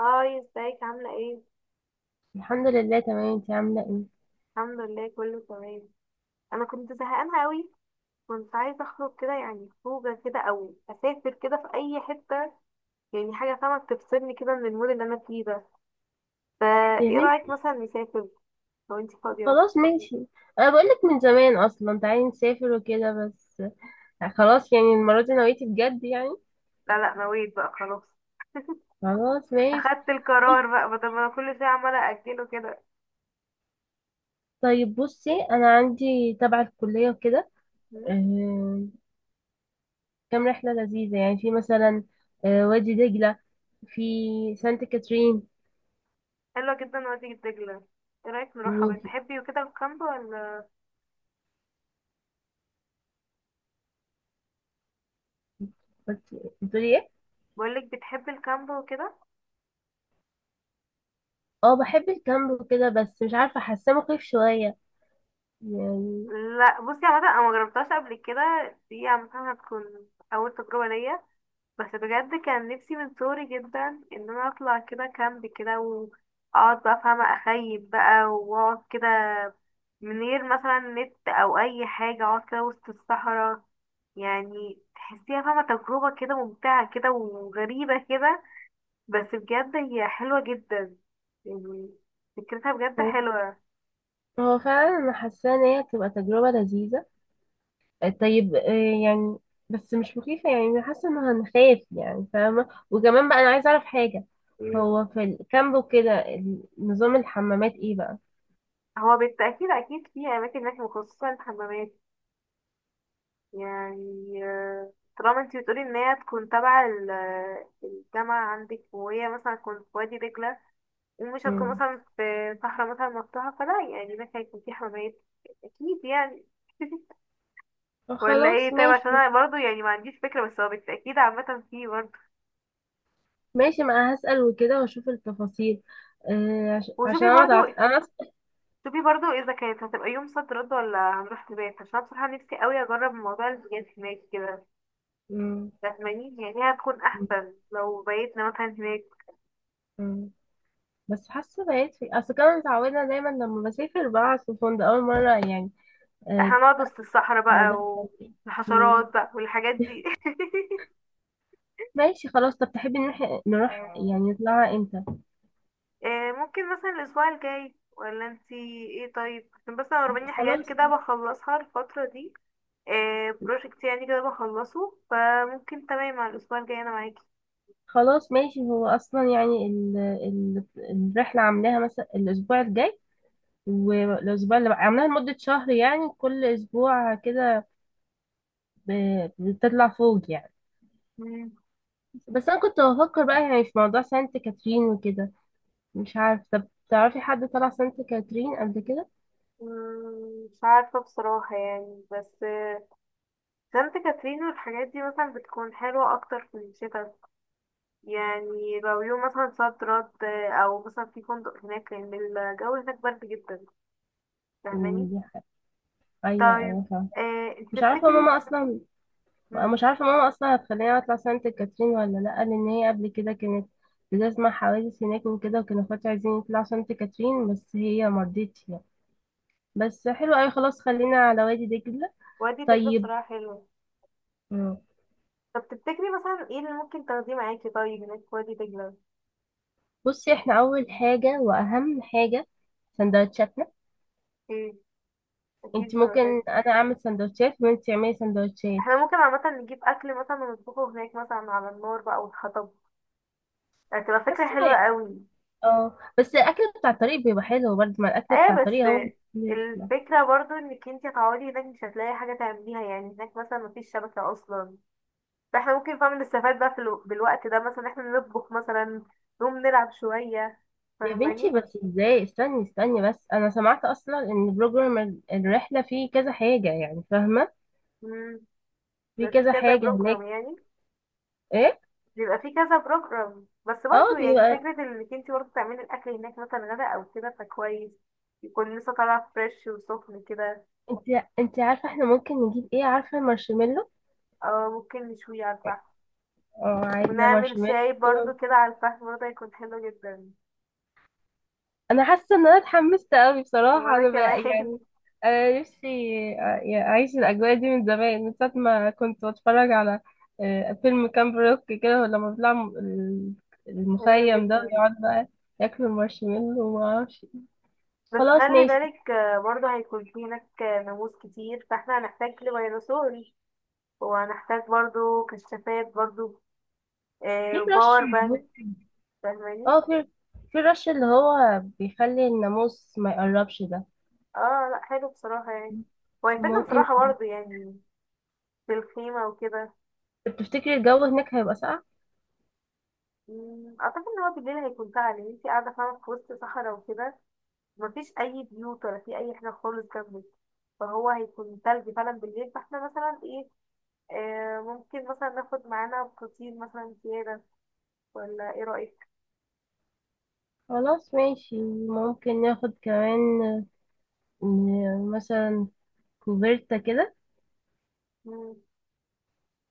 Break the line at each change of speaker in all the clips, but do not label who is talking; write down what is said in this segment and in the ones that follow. هاي ازيك عاملة ايه؟
الحمد لله تمام، انت عامله ايه؟
الحمد لله كله تمام. انا كنت زهقانة قوي. كنت عايزة اخرج كده يعني خروجة كده او اسافر كده في اي حتة. يعني حاجة فاهمة تفصلني كده من المود اللي انا فيه ده. فا
يا
ايه
بنت،
رأيك مثلا نسافر لو انتي فاضية؟
خلاص ماشي. انا بقولك من زمان اصلا تعالي نسافر وكده بس. خلاص يعني المره دي نويتي بجد يعني.
لا لا نويت بقى خلاص.
خلاص ماشي.
اخدت القرار بقى بدل ما انا كل شوية عمالة اجله كده.
طيب بصي، انا عندي تبع الكليه وكده.
م?
آه، كام رحله لذيذه يعني، في مثلا وادي دجله. في سانت كاترين.
حلوة جدا وادي الدجلة. ايه رأيك نروحها
و
بتحبي وكده الكامب ولا؟
بتقولي ايه؟
بقولك بتحبي الكامب وكده.
اه بحب الكامب وكده، بس مش عارفه حاساه مخيف شويه يعني.
لا بصي عامة انا مجربتهاش قبل كده. دي عامة هتكون اول تجربة ليا. بس بجد كان نفسي من صغري جدا ان انا اطلع كده كامب كده واقعد بقى فاهمة اخيم بقى واقعد كده من غير مثلا نت او اي حاجة اقعد كده وسط الصحراء. يعني تحسيها فاهمة تجربة كده ممتعة كده وغريبة كده. بس بجد هي حلوة جدا. يعني فكرتها بجد حلوة.
هو فعلا انا حاسه ان هي تبقى تجربه لذيذه. طيب يعني، بس مش مخيفه يعني، أنا حاسه ان هنخاف يعني فاهمه، وكمان بقى انا عايزه اعرف حاجه.
مم.
هو في الكامب وكده، نظام الحمامات ايه بقى؟
هو بالتأكيد أكيد في أماكن هناك مخصصة للحمامات. يعني طالما انتي بتقولي ان هي تكون تبع الجامعة عندك وهي مثلا تكون في وادي دجلة. ومش هتكون
مم.
مثلا في صحراء مثلا مفتوحة فلا يعني ده هيكون في حمامات اكيد يعني. ولا
خلاص
ايه طيب عشان
ماشي.
انا برضو يعني ما عنديش فكرة بس هو بالتأكيد عامة في برضو.
ماشي ما انا هسأل وكده واشوف التفاصيل. عشان
وشوفي
انا
برضو
متعرف انا
شوفي برضو اذا كانت هتبقى يوم صد رد ولا هنروح نبات عشان أنا بصراحة نفسي قوي اجرب موضوع البيات هناك كده.
مم.
فاهماني يعني هي هتكون
مم.
احسن لو بيتنا مثلا هناك.
مم. بس حاسه بقيت في اصل كنا متعوده دايما لما بسافر بقعد في فندق اول مره يعني.
لا،
آه،
هنقعد وسط الصحراء بقى
الموضوع إيه؟ مم.
والحشرات بقى والحاجات دي.
ماشي خلاص. طب تحبي نروح يعني نطلعها امتى؟
ممكن مثلا الأسبوع الجاي ولا انتي. ايه طيب عشان بس انا ورباني حاجات
خلاص.
كده بخلصها الفترة دي. بروجكت يعني كده بخلصه فممكن تمام على الأسبوع الجاي انا معاكي.
خلاص ماشي. هو اصلا يعني الرحله عاملاها مثلا الاسبوع الجاي، والاسبوع اللي عاملاها لمده شهر يعني، كل اسبوع كده ب... بتطلع فوق يعني.
مم.
بس انا كنت بفكر بقى يعني في موضوع سانت كاترين وكده. مش عارف، طب تعرفي حد طلع سانت كاترين قبل كده؟
مش عارفة بصراحة يعني بس سانت كاترين والحاجات دي مثلا بتكون حلوة أكتر في الشتا. يعني لو يوم مثلا صد رد او مثلا في فندق هناك لان الجو هناك برد جدا. فاهماني.
دي ايوه
طيب
ايوه فاهمة.
انت
مش عارفه ماما
تفتكري؟
اصلا.
مم،
مش عارفة ماما أصلا هتخليني أطلع سانت كاترين ولا لأ، لأن هي قبل كده كانت بتسمع حوادث هناك وكده، وكانوا اخواتي عايزين يطلعوا سانت كاترين بس هي مرضتش يعني. بس حلو أوي، خلاص خلينا على وادي دجلة.
وادي دجلة
طيب.
بصراحة حلو.
مم.
طب تفتكري مثلا ايه اللي ممكن تاخديه معاكي طيب هناك في وادي دجلة؟
بصي، احنا أول حاجة وأهم حاجة سندوتشاتنا.
ايه.
انت
اكيد
ممكن،
سمكات.
أنا أعمل سندوتشات وانت تعملي سندوتشات.
احنا ممكن عامة نجيب اكل مثلا ونطبخه هناك مثلا على النار بقى والحطب. هتبقى فكرة
حاسة
حلوة
يعني-
قوي.
اه بس الأكل بتاع الطريق بيبقى حلو برضه، ما الأكل بتاع
ايه بس
الطريق هو.
الفكرة برضو انك انتي هتقعدي هناك مش هتلاقي حاجة تعمليها يعني هناك مثلا مفيش شبكة اصلا. فاحنا ممكن فاهم نستفاد بقى في بالوقت ده مثلا احنا نطبخ مثلا. نقوم نلعب شوية.
يا بنتي
فاهماني.
بس ازاي، استني استني بس، انا سمعت اصلا ان بروجرام الرحله فيه كذا حاجه يعني فاهمه.
امم
في
بيبقى في
كذا
كذا
حاجه
بروجرام
هناك.
يعني.
ايه.
بيبقى في كذا بروجرام بس
اه
برضه يعني
بيبقى.
فكرة انك انتي برضه تعملي الأكل هناك مثلا غدا أو كده فكويس. يكون لسه طالع فريش وسخن كده.
انت انت عارفه احنا ممكن نجيب ايه؟ عارفه مارشميلو؟
أو ممكن نشويه على الفحم.
اه عايزه
ونعمل
مارشميلو.
شاي برضه
كده.
كده على الفحم برضه هيكون حلو جدا.
انا حاسه ان انا اتحمست قوي بصراحه
وأنا
انا بقى
كمان.
يعني. انا نفسي يعني اعيش الاجواء دي من زمان، من ساعه ما كنت بتفرج على فيلم كامب روك كده، لما بيطلع
حلو
المخيم ده
جدا.
ويقعد بقى ياكل المارشميلو وما اعرفش.
بس
خلاص
خلي
ماشي.
بالك برضه هيكون في هناك ناموس كتير فاحنا هنحتاج لفيروسور. وهنحتاج برضه كشافات برضه.
في رش.
وباور بانك. فاهماني.
اه في رش اللي هو بيخلي الناموس ما يقربش ده.
اه لا حلو بصراحة يعني. وهيفيدنا
ممكن.
بصراحة برضه يعني. في الخيمة وكده.
تفتكري الجو هناك هيبقى ساقع؟
أعتقد إن هو بالليل هيكون سهل إن انتي قاعدة فاهمة في وسط صحراء وكده. مفيش أي بيوت ولا في أي حاجة خالص جنبك. فهو هيكون تلج فعلا بالليل فاحنا مثلا ايه. ممكن مثلا ناخد معانا فطير مثلا زيادة. ولا ايه رأيك؟
خلاص ماشي. ممكن ناخد كمان مثلا كوفيرتا كده.
مم.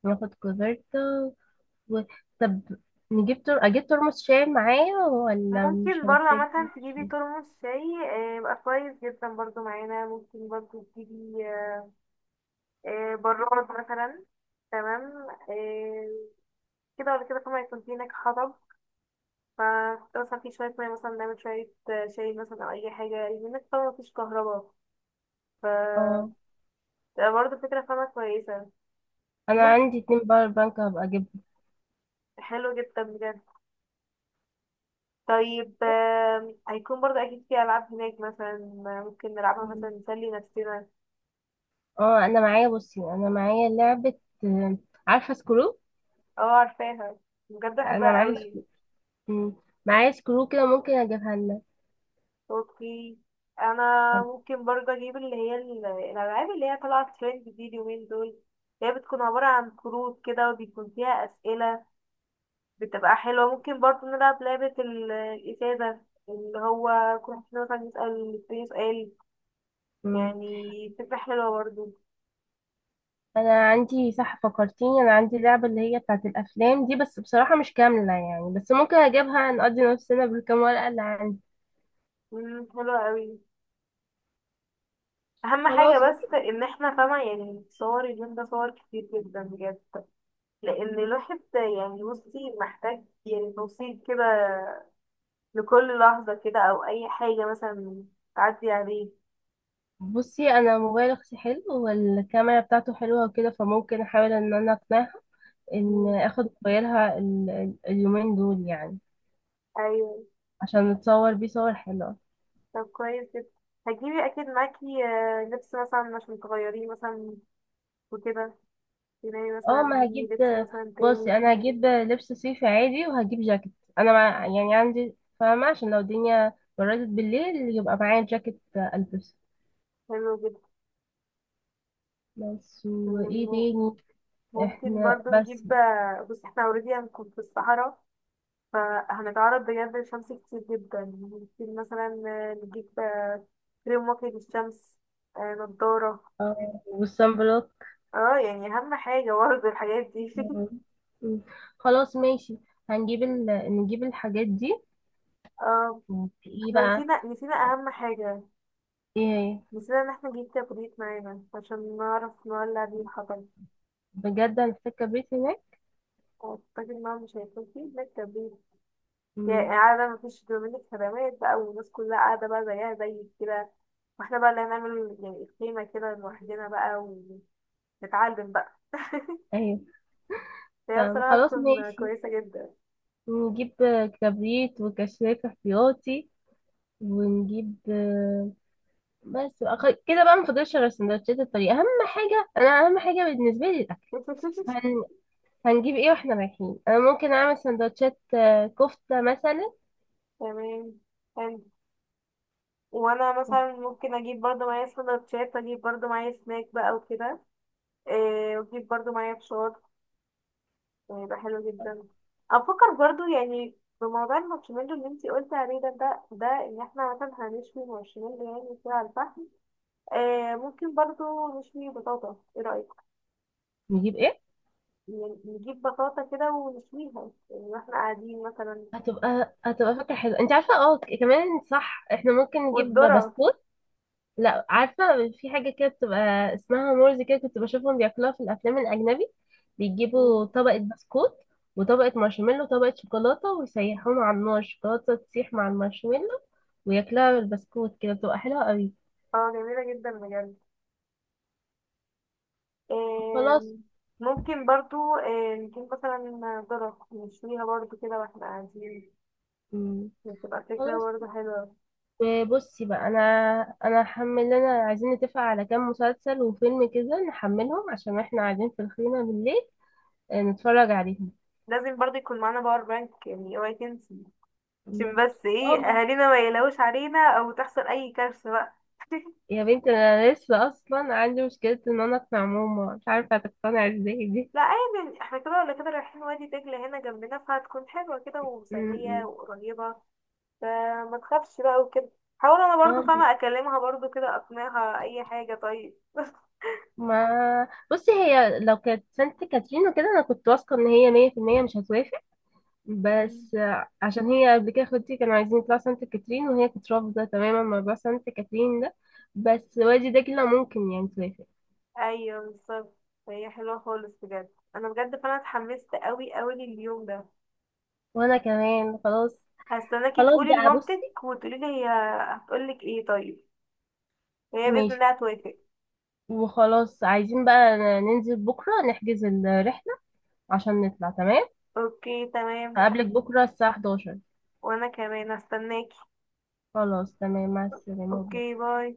ناخد كوفيرتا و... طب نجيب اجيب ترمس شاي معايا ولا مش
ممكن برضه
هنحتاج
عامة تجيبي
شاي؟
ترمس شاي يبقى كويس جدا برضه معانا ممكن برضه تجيبي براد مثلا. تمام. آه، كده ولا كده طبعا يكون في هناك حطب. ف مثلا في شوية مية مثلا نعمل شوية شاي مثلا أو أي حاجة لأن هناك طبعا مفيش كهرباء. ف
اه
تبقى برضه فكرة فاهمة كويسة.
انا
ممكن.
عندي اتنين باور بانك هبقى اجيبهم.
حلو جدا بجد. طيب هيكون برضه أكيد في ألعاب هناك مثلا. ممكن نلعبها مثلا نسلي نفسنا.
اه انا معايا، بصي انا معايا لعبة. آه، عارفة سكرو؟
اه عارفاها. بجد
انا
بحبها
معايا
قوي.
سكرو. مم. معايا سكرو كده، ممكن اجيبها لنا.
اوكي. انا
طب.
ممكن برضه اجيب اللي هي الالعاب اللي هي طالعه ترند دي اليومين دول اللي هي بتكون عباره عن كروت كده وبيكون فيها اسئله. بتبقى حلوه ممكن برضه نلعب لعبه الازازه. اللي هو كل واحد فينا مثلا يسال التاني سؤال.
مم.
يعني فكره حلوه برضه.
انا عندي، صح فكرتيني، انا عندي لعبة اللي هي بتاعت الافلام دي. بس بصراحة مش كاملة يعني، بس ممكن اجيبها نقضي نفسنا بالكام ورقة اللي عندي.
حلوه قوي. اهم حاجه
خلاص ماشي.
بس ان احنا فاهمه يعني صور اليوم ده صور كتير جدا بجد. لان الواحد يعني بصي محتاج يعني توصيل كده. لكل لحظة كده او اي حاجة مثلا تعدي عليه.
بصي انا موبايل اختي حلو والكاميرا بتاعته حلوه وكده، فممكن احاول ان انا اقنعها ان
مم.
اخد موبايلها اليومين دول يعني.
ايوه.
عشان نتصور بيه صور حلوه.
طب كويس جدا. هتجيبي اكيد معاكي لبس مثلا عشان تغيريه مثلا. وكده تلاقي مثلا
اه ما
دي.
هجيب.
لبس مثلا تاني.
بصي انا هجيب لبس صيفي عادي وهجيب جاكيت. انا مع يعني عندي فاهمه، عشان لو الدنيا بردت بالليل يبقى معايا جاكيت البسه.
حلو جدا.
بس وايه
مم.
تاني؟
ممكن
احنا
برضو
بس.
نجيب بصي احنا اوريدي هنكون في الصحراء. فهنتعرض بجد للشمس كتير جدا ممكن مثلا نجيب كريم واقي للشمس. نضارة.
اه والصن بلوك.
اه يعني أهم حاجة برضه الحاجات دي.
مم. مم. خلاص ماشي. هنجيب نجيب الحاجات دي.
اه
مم. ايه
احنا
بقى؟
نسينا أهم حاجة.
ايه.
نسينا إن احنا نجيب كبريت معانا عشان نعرف نولع بيه الحطب.
بجد هنحتاج كبريت هناك.
أعتقد إن هو مش هيكون فيه هناك كبريت. يعني
مم.
قاعدة مفيش دومينيك خدمات بقى والناس كلها قاعدة بقى زيها زي كده. واحنا بقى اللي هنعمل يعني الخيمة كده لوحدنا بقى. ونتعلم بقى.
ايوه.
هي بصراحة
فخلاص
تكون
ماشي،
كويسة جدا.
نجيب كبريت وكشاف احتياطي. ونجيب بس كده بقى، ما فاضلش غير سندوتشات الطريق. اهم حاجه انا، اهم حاجه بالنسبه لي الاكل. هن... هنجيب ايه واحنا رايحين؟ انا ممكن اعمل سندوتشات كفته مثلا.
تمام. حلو. وانا مثلا ممكن اجيب برضو معايا سندوتشات اجيب برضو معايا سناك بقى وكده. إيه واجيب برضو معايا فشار. يعني يبقى حلو جدا. افكر برضو يعني بموضوع المارشميلو اللي انتي قلتي عليه ده ان احنا مثلا هنشوي مارشميلو يعني كده على الفحم. إيه ممكن برضو نشوي بطاطا ايه رأيك؟
نجيب ايه.
يعني نجيب بطاطا كده ونشويها. يعني واحنا قاعدين مثلا.
هتبقى فكرة حلوة. انت عارفة، اه كمان صح، احنا ممكن نجيب
والذرة.
بسكوت. لا عارفة، في حاجة كده بتبقى اسمها مورز كده، كنت بشوفهم بياكلوها في الأفلام الأجنبي. بيجيبوا
مم.
طبقة بسكوت وطبقة مارشميلو وطبقة شوكولاتة، ويسيحوهم على النار، الشوكولاتة تسيح مع المارشميلو وياكلوها بالبسكوت كده. بتبقى حلوة قوي.
اه جميلة جدا بجد.
خلاص.
آم، ممكن برضو نجيب مثلا ذرة نشويها برضو كده واحنا قاعدين.
مم.
بتبقى فكرة
خلاص
برضو حلوة.
بصي بقى، انا هحمل لنا، عايزين نتفق على كام مسلسل وفيلم كده نحملهم عشان احنا قاعدين في الخيمة بالليل نتفرج عليهم.
لازم برضو يكون معانا باور بانك يعني اوعي تنسي. عشان
الله.
بس ايه
اه.
اهالينا ما يقلقوش علينا او تحصل اي كارثة بقى.
يا بنتي انا لسه اصلا عندي مشكلة ان انا اقنع ماما، مش عارفة هتقتنع ازاي دي.
لا عادي احنا كده ولا كده رايحين وادي دجلة هنا جنبنا فهتكون حلوة كده
م-
ومسلية
م.
وقريبة. فما تخافش بقى وكده. حاول انا برضو
اه.
فاهمة اكلمها برضو كده اقنعها اي حاجة طيب.
ما بصي هي لو كانت سانت كاترين وكده، انا كنت واثقة ان هي 100% مش هتوافق. بس عشان هي قبل كده اخواتي كانوا عايزين يطلعوا سانت كاترين وهي كانت رافضة تماما موضوع سانت كاترين ده. بس والدي ده كله ممكن يعني توافق.
ايوه بالظبط. فهي حلوه خالص بجد. انا بجد فانا اتحمست قوي قوي لليوم ده.
وانا كمان خلاص.
هستناكي
خلاص
تقولي
بقى بصي.
لمامتك وتقولي لي هي هتقولك ايه طيب؟ هي باذن
ماشي.
الله هتوافق.
وخلاص عايزين بقى ننزل بكرة نحجز الرحلة عشان نطلع تمام.
اوكي تمام.
هقابلك بكرة الساعة 11.
وانا كمان هستناكي.
خلاص تمام، مع السلامة.
اوكي باي.